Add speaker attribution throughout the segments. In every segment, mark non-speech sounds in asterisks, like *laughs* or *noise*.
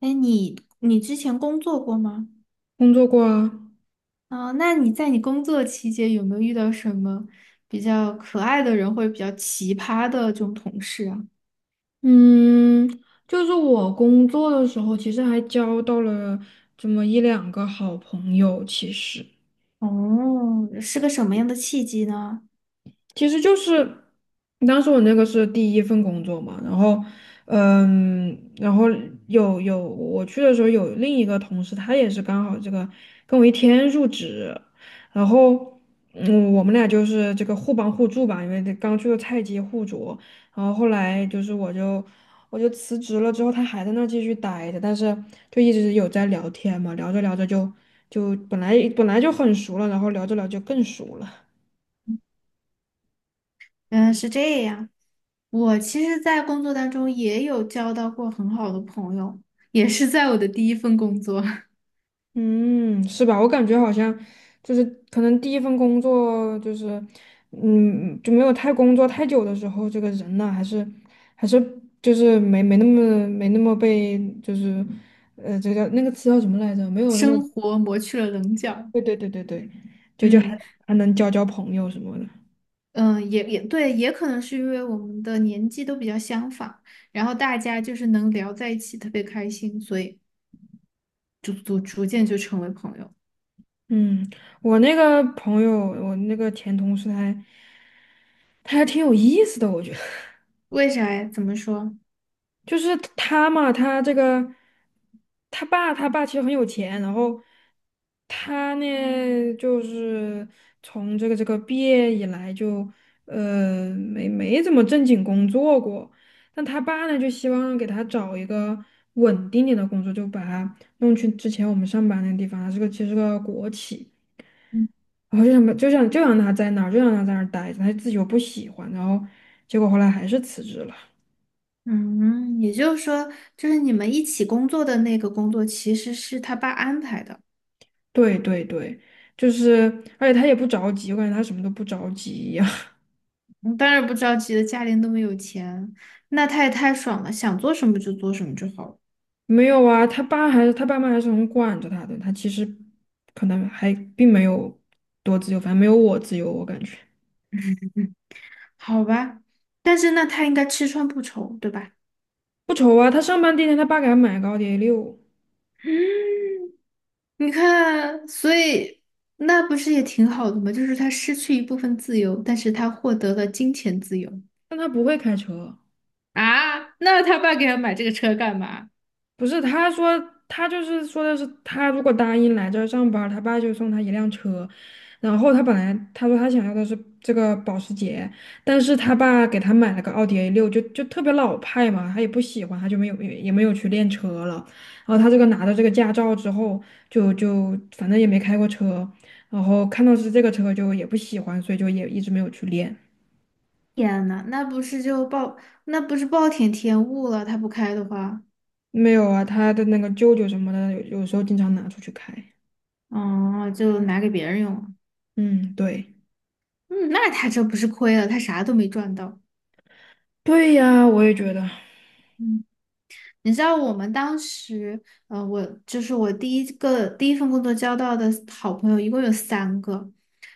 Speaker 1: 哎，你之前工作过吗？
Speaker 2: 工作过啊。
Speaker 1: 啊、那在你工作期间有没有遇到什么比较可爱的人或者比较奇葩的这种同事啊？
Speaker 2: 嗯，就是我工作的时候，其实还交到了这么一两个好朋友，其实。
Speaker 1: 哦，是个什么样的契机呢？
Speaker 2: 其实就是当时我那个是第一份工作嘛，然后有我去的时候有另一个同事，他也是刚好这个跟我一天入职，然后，我们俩就是这个互帮互助吧，因为这刚去的菜鸡互啄，然后后来就是我就辞职了之后，他还在那儿继续待着，但是就一直有在聊天嘛，聊着聊着就本来就很熟了，然后聊着聊着就更熟了。
Speaker 1: 嗯，是这样。我其实，在工作当中也有交到过很好的朋友，也是在我的第一份工作。
Speaker 2: 嗯，是吧？我感觉好像就是可能第一份工作就是，就没有太工作太久的时候，这个人呢还是就是没那么被就是，这个那个词叫什么来着？没
Speaker 1: *laughs*
Speaker 2: 有那么。
Speaker 1: 生活磨去了棱角。
Speaker 2: 对对对对对，就还
Speaker 1: 嗯。
Speaker 2: 还能交朋友什么的。
Speaker 1: 嗯，也对，也可能是因为我们的年纪都比较相仿，然后大家就是能聊在一起，特别开心，所以逐渐就成为朋友。
Speaker 2: 嗯，我那个朋友，我那个前同事他还挺有意思的，我觉得。
Speaker 1: 为啥呀？怎么说？
Speaker 2: 就是他嘛，他这个他爸其实很有钱，然后他呢就是从这个毕业以来就没怎么正经工作过，但他爸呢就希望给他找一个稳定点的工作，就把他弄去之前我们上班那个地方，他是个其实是个国企，
Speaker 1: 嗯
Speaker 2: 然后就想就让他在那儿待着，他自己又不喜欢，然后结果后来还是辞职了。
Speaker 1: 嗯，也就是说，就是你们一起工作的那个工作，其实是他爸安排的。
Speaker 2: 对对对，就是而且他也不着急，我感觉他什么都不着急一样。
Speaker 1: 嗯，当然不着急的，家里那么有钱，那他也太爽了，想做什么就做什么就好了。
Speaker 2: 没有啊，他爸妈还是很管着他的，他其实可能还并没有多自由，反正没有我自由，我感觉。
Speaker 1: 嗯，好吧，但是那他应该吃穿不愁，对吧？
Speaker 2: 不愁啊。他上班第一天，他爸给他买个奥迪 A 六，
Speaker 1: 你看，所以那不是也挺好的吗？就是他失去一部分自由，但是他获得了金钱自由
Speaker 2: 但他不会开车。
Speaker 1: 啊。那他爸给他买这个车干嘛？
Speaker 2: 不是，他就是说的是他如果答应来这儿上班儿他爸就送他一辆车。然后他本来他说他想要的是这个保时捷，但是他爸给他买了个奥迪 a 六，就特别老派嘛，他也不喜欢，他就没有也没有去练车了。然后他这个拿到这个驾照之后，就反正也没开过车，然后看到是这个车就也不喜欢，所以就也一直没有去练。
Speaker 1: 天呐，那不是暴殄天物了？他不开的话。
Speaker 2: 没有啊，他的那个舅舅什么的，有时候经常拿出去开。
Speaker 1: 哦，就拿给别人用了。
Speaker 2: 嗯，对。
Speaker 1: 嗯，那他这不是亏了？他啥都没赚到。
Speaker 2: 对呀，我也觉得。
Speaker 1: 嗯。你知道我们当时，呃，我就是我第一份工作交到的好朋友，一共有三个。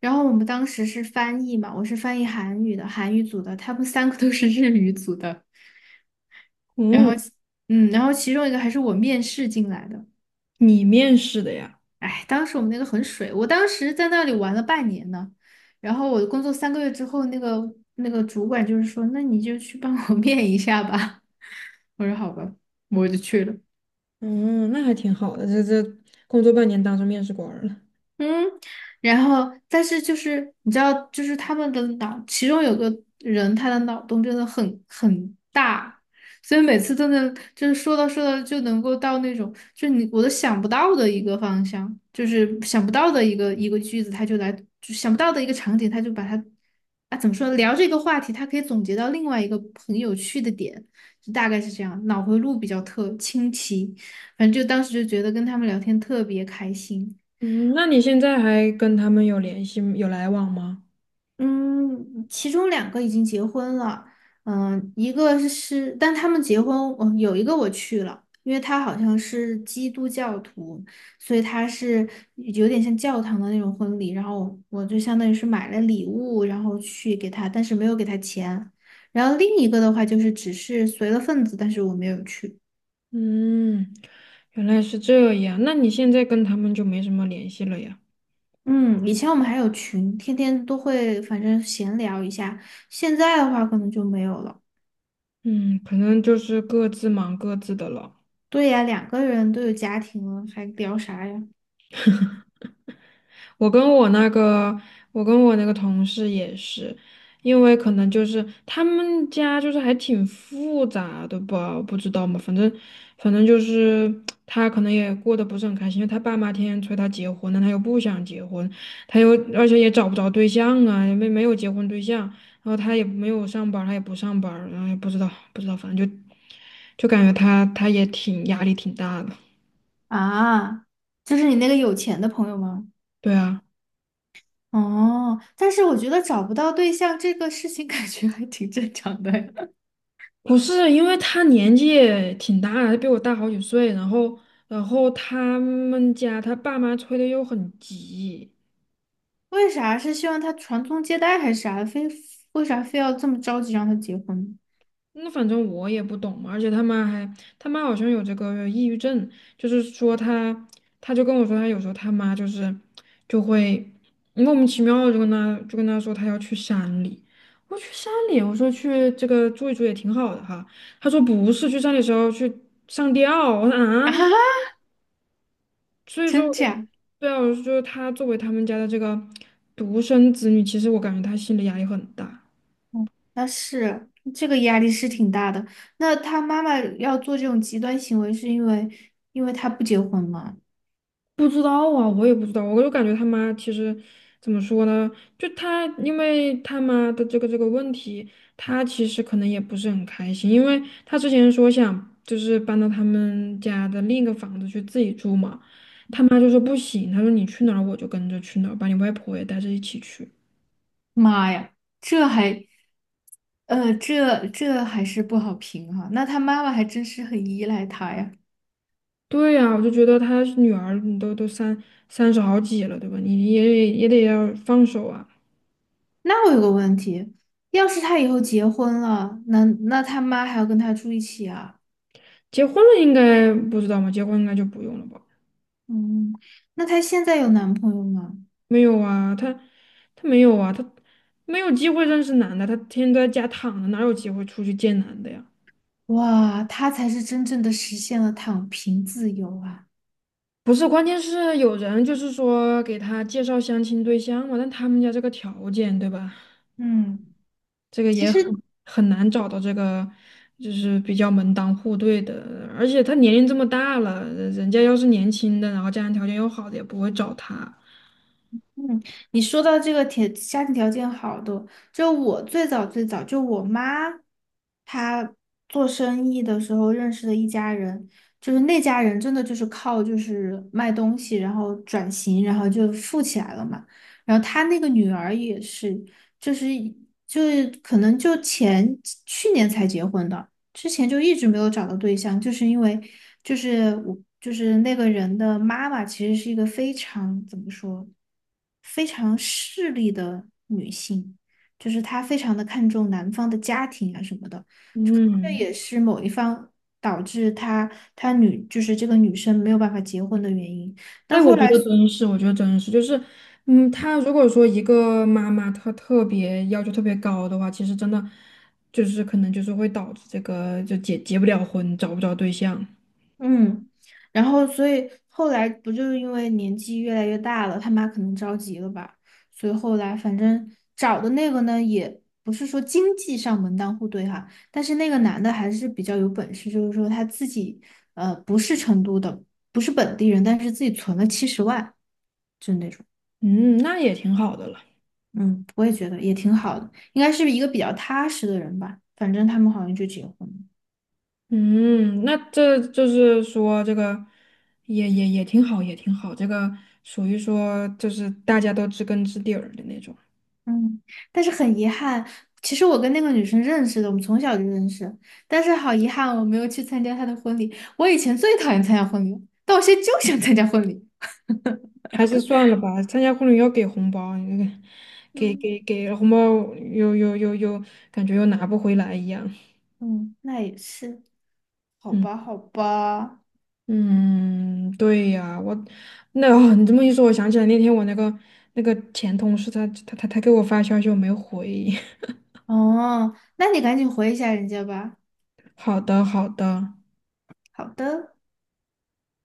Speaker 1: 然后我们当时是翻译嘛，我是翻译韩语的，韩语组的，他们三个都是日语组的。然
Speaker 2: 嗯，
Speaker 1: 后，嗯，然后其中一个还是我面试进来的。
Speaker 2: 你面试的呀？
Speaker 1: 哎，当时我们那个很水，我当时在那里玩了半年呢。然后我工作3个月之后，那个主管就是说，那你就去帮我 *laughs* 面一下吧。我说好吧，我就去了。
Speaker 2: 嗯，那还挺好的，这工作半年当上面试官儿了。
Speaker 1: 嗯，然后但是就是你知道，就是他们的脑，其中有个人他的脑洞真的很大，所以每次都能就是说到说到就能够到那种就是你我都想不到的一个方向，就是想不到的一个句子，他就来就想不到的一个场景，他就把它啊怎么说聊这个话题，他可以总结到另外一个很有趣的点，就大概是这样，脑回路比较特清奇，反正就当时就觉得跟他们聊天特别开心。
Speaker 2: 嗯，那你现在还跟他们有联系、有来往吗？
Speaker 1: 嗯，其中两个已经结婚了。嗯，一个是，但他们结婚，我有一个我去了，因为他好像是基督教徒，所以他是有点像教堂的那种婚礼，然后我就相当于是买了礼物，然后去给他，但是没有给他钱。然后另一个的话就是只是随了份子，但是我没有去。
Speaker 2: 嗯，原来是这样。那你现在跟他们就没什么联系了呀？
Speaker 1: 嗯，以前我们还有群，天天都会反正闲聊一下，现在的话可能就没有了。
Speaker 2: 嗯，可能就是各自忙各自的了。
Speaker 1: 对呀，2个人都有家庭了，还聊啥呀？
Speaker 2: 我跟我那个，我跟我那个同事也是，因为可能就是他们家就是还挺复杂的吧，我不知道嘛，反正就是他可能也过得不是很开心，因为他爸妈天天催他结婚，但他又不想结婚，他又而且也找不着对象啊，也没有结婚对象，然后他也没有上班儿他也不上班儿然后也不知道，反正就感觉他也挺压力挺大的。
Speaker 1: 啊，就是你那个有钱的朋友吗？
Speaker 2: 对啊。
Speaker 1: 哦，但是我觉得找不到对象这个事情 *laughs*，感觉还挺正常的呀。*laughs*
Speaker 2: 不是，因为他年纪也挺大的，他比我大好几岁，然后他们家他爸妈催的又很急。
Speaker 1: 为啥是希望他传宗接代还是啥？非为啥非要这么着急让他结婚
Speaker 2: 那反正我也不懂嘛，而且他妈好像有这个抑郁症。就是说他，他就跟我说他有时候他妈就会莫名其妙地就跟他说他要去山里，我说去山里，我说去这个住一住也挺好的哈，他说不是去山里的时候去上吊，我说啊。
Speaker 1: *laughs* 啊？
Speaker 2: 所以说
Speaker 1: 真
Speaker 2: 我就。
Speaker 1: 假？
Speaker 2: 对啊，我就觉得他作为他们家的这个独生子女，其实我感觉他心理压力很大。
Speaker 1: 嗯，那是，这个压力是挺大的。那他妈妈要做这种极端行为，是因为他不结婚吗？
Speaker 2: 不知道啊，我也不知道，我就感觉他妈其实怎么说呢？因为他妈的这个问题，他其实可能也不是很开心，因为他之前说想就是搬到他们家的另一个房子去自己住嘛，他妈就说不行，他说你去哪儿我就跟着去哪儿，把你外婆也带着一起去。
Speaker 1: 妈呀，这还，这还是不好评哈、那他妈妈还真是很依赖他呀。
Speaker 2: 对呀，我就觉得他女儿你都三十好几了，对吧？你也得要放手啊。
Speaker 1: 那我有个问题，要是他以后结婚了，那他妈还要跟他住一起啊？
Speaker 2: 结婚了应该不知道吗？结婚应该就不用了吧？
Speaker 1: 嗯，那他现在有男朋友吗？
Speaker 2: 没有啊，他没有啊，他没有机会认识男的，他天天都在家躺着，哪有机会出去见男的呀？
Speaker 1: 哇，他才是真正的实现了躺平自由啊。
Speaker 2: 不是，关键是有人就是说给他介绍相亲对象嘛，但他们家这个条件，对吧？
Speaker 1: 嗯。
Speaker 2: 这个
Speaker 1: 其
Speaker 2: 也
Speaker 1: 实。
Speaker 2: 很难找到这个就是比较门当户对的，而且他年龄这么大了，人家要是年轻的，然后家庭条件又好的，也不会找他。
Speaker 1: 嗯，你说到这个家庭条件好的，就我最早就我妈，她做生意的时候认识的一家人，就是那家人真的就是靠就是卖东西，然后转型，然后就富起来了嘛。然后她那个女儿也是，就是就是可能去年才结婚的，之前就一直没有找到对象，就是因为就是我就是那个人的妈妈，其实是一个非常怎么说，非常势利的女性，就是她非常的看重男方的家庭啊什么的，这也
Speaker 2: 嗯，
Speaker 1: 是某一方导致她女就是这个女生没有办法结婚的原因。但
Speaker 2: 哎，
Speaker 1: 后来。
Speaker 2: 我觉得真是，就是，他如果说一个妈妈她特别要求特别高的话，其实真的就是可能就是会导致这个就结不了婚，找不着对象。
Speaker 1: 嗯，然后所以后来不就是因为年纪越来越大了，他妈可能着急了吧，所以后来反正找的那个呢，也不是说经济上门当户对哈，但是那个男的还是比较有本事，就是说他自己不是成都的，不是本地人，但是自己存了70万，就那种。
Speaker 2: 嗯，那也挺好的了。
Speaker 1: 嗯，我也觉得也挺好的，应该是一个比较踏实的人吧，反正他们好像就结婚了。
Speaker 2: 嗯，那这就是说，这个也挺好，也挺好。这个属于说，就是大家都知根知底儿的那种。
Speaker 1: 嗯，但是很遗憾，其实我跟那个女生认识的，我们从小就认识，但是好遗憾，我没有去参加她的婚礼。我以前最讨厌参加婚礼了但我现在就想参加婚礼
Speaker 2: 还是算了吧，参加婚礼要给红包，你这个
Speaker 1: *laughs*。
Speaker 2: 给
Speaker 1: 嗯，
Speaker 2: 给给了红包又感觉又拿不回来一样。
Speaker 1: 嗯，那也是，好
Speaker 2: 嗯
Speaker 1: 吧，好吧。
Speaker 2: 嗯，对呀，哦，你这么一说，我想起来那天我那个前同事他给我发消息，我没回。*laughs*
Speaker 1: 哦，那你赶紧回一下人家吧。
Speaker 2: 好的好的。
Speaker 1: 好的。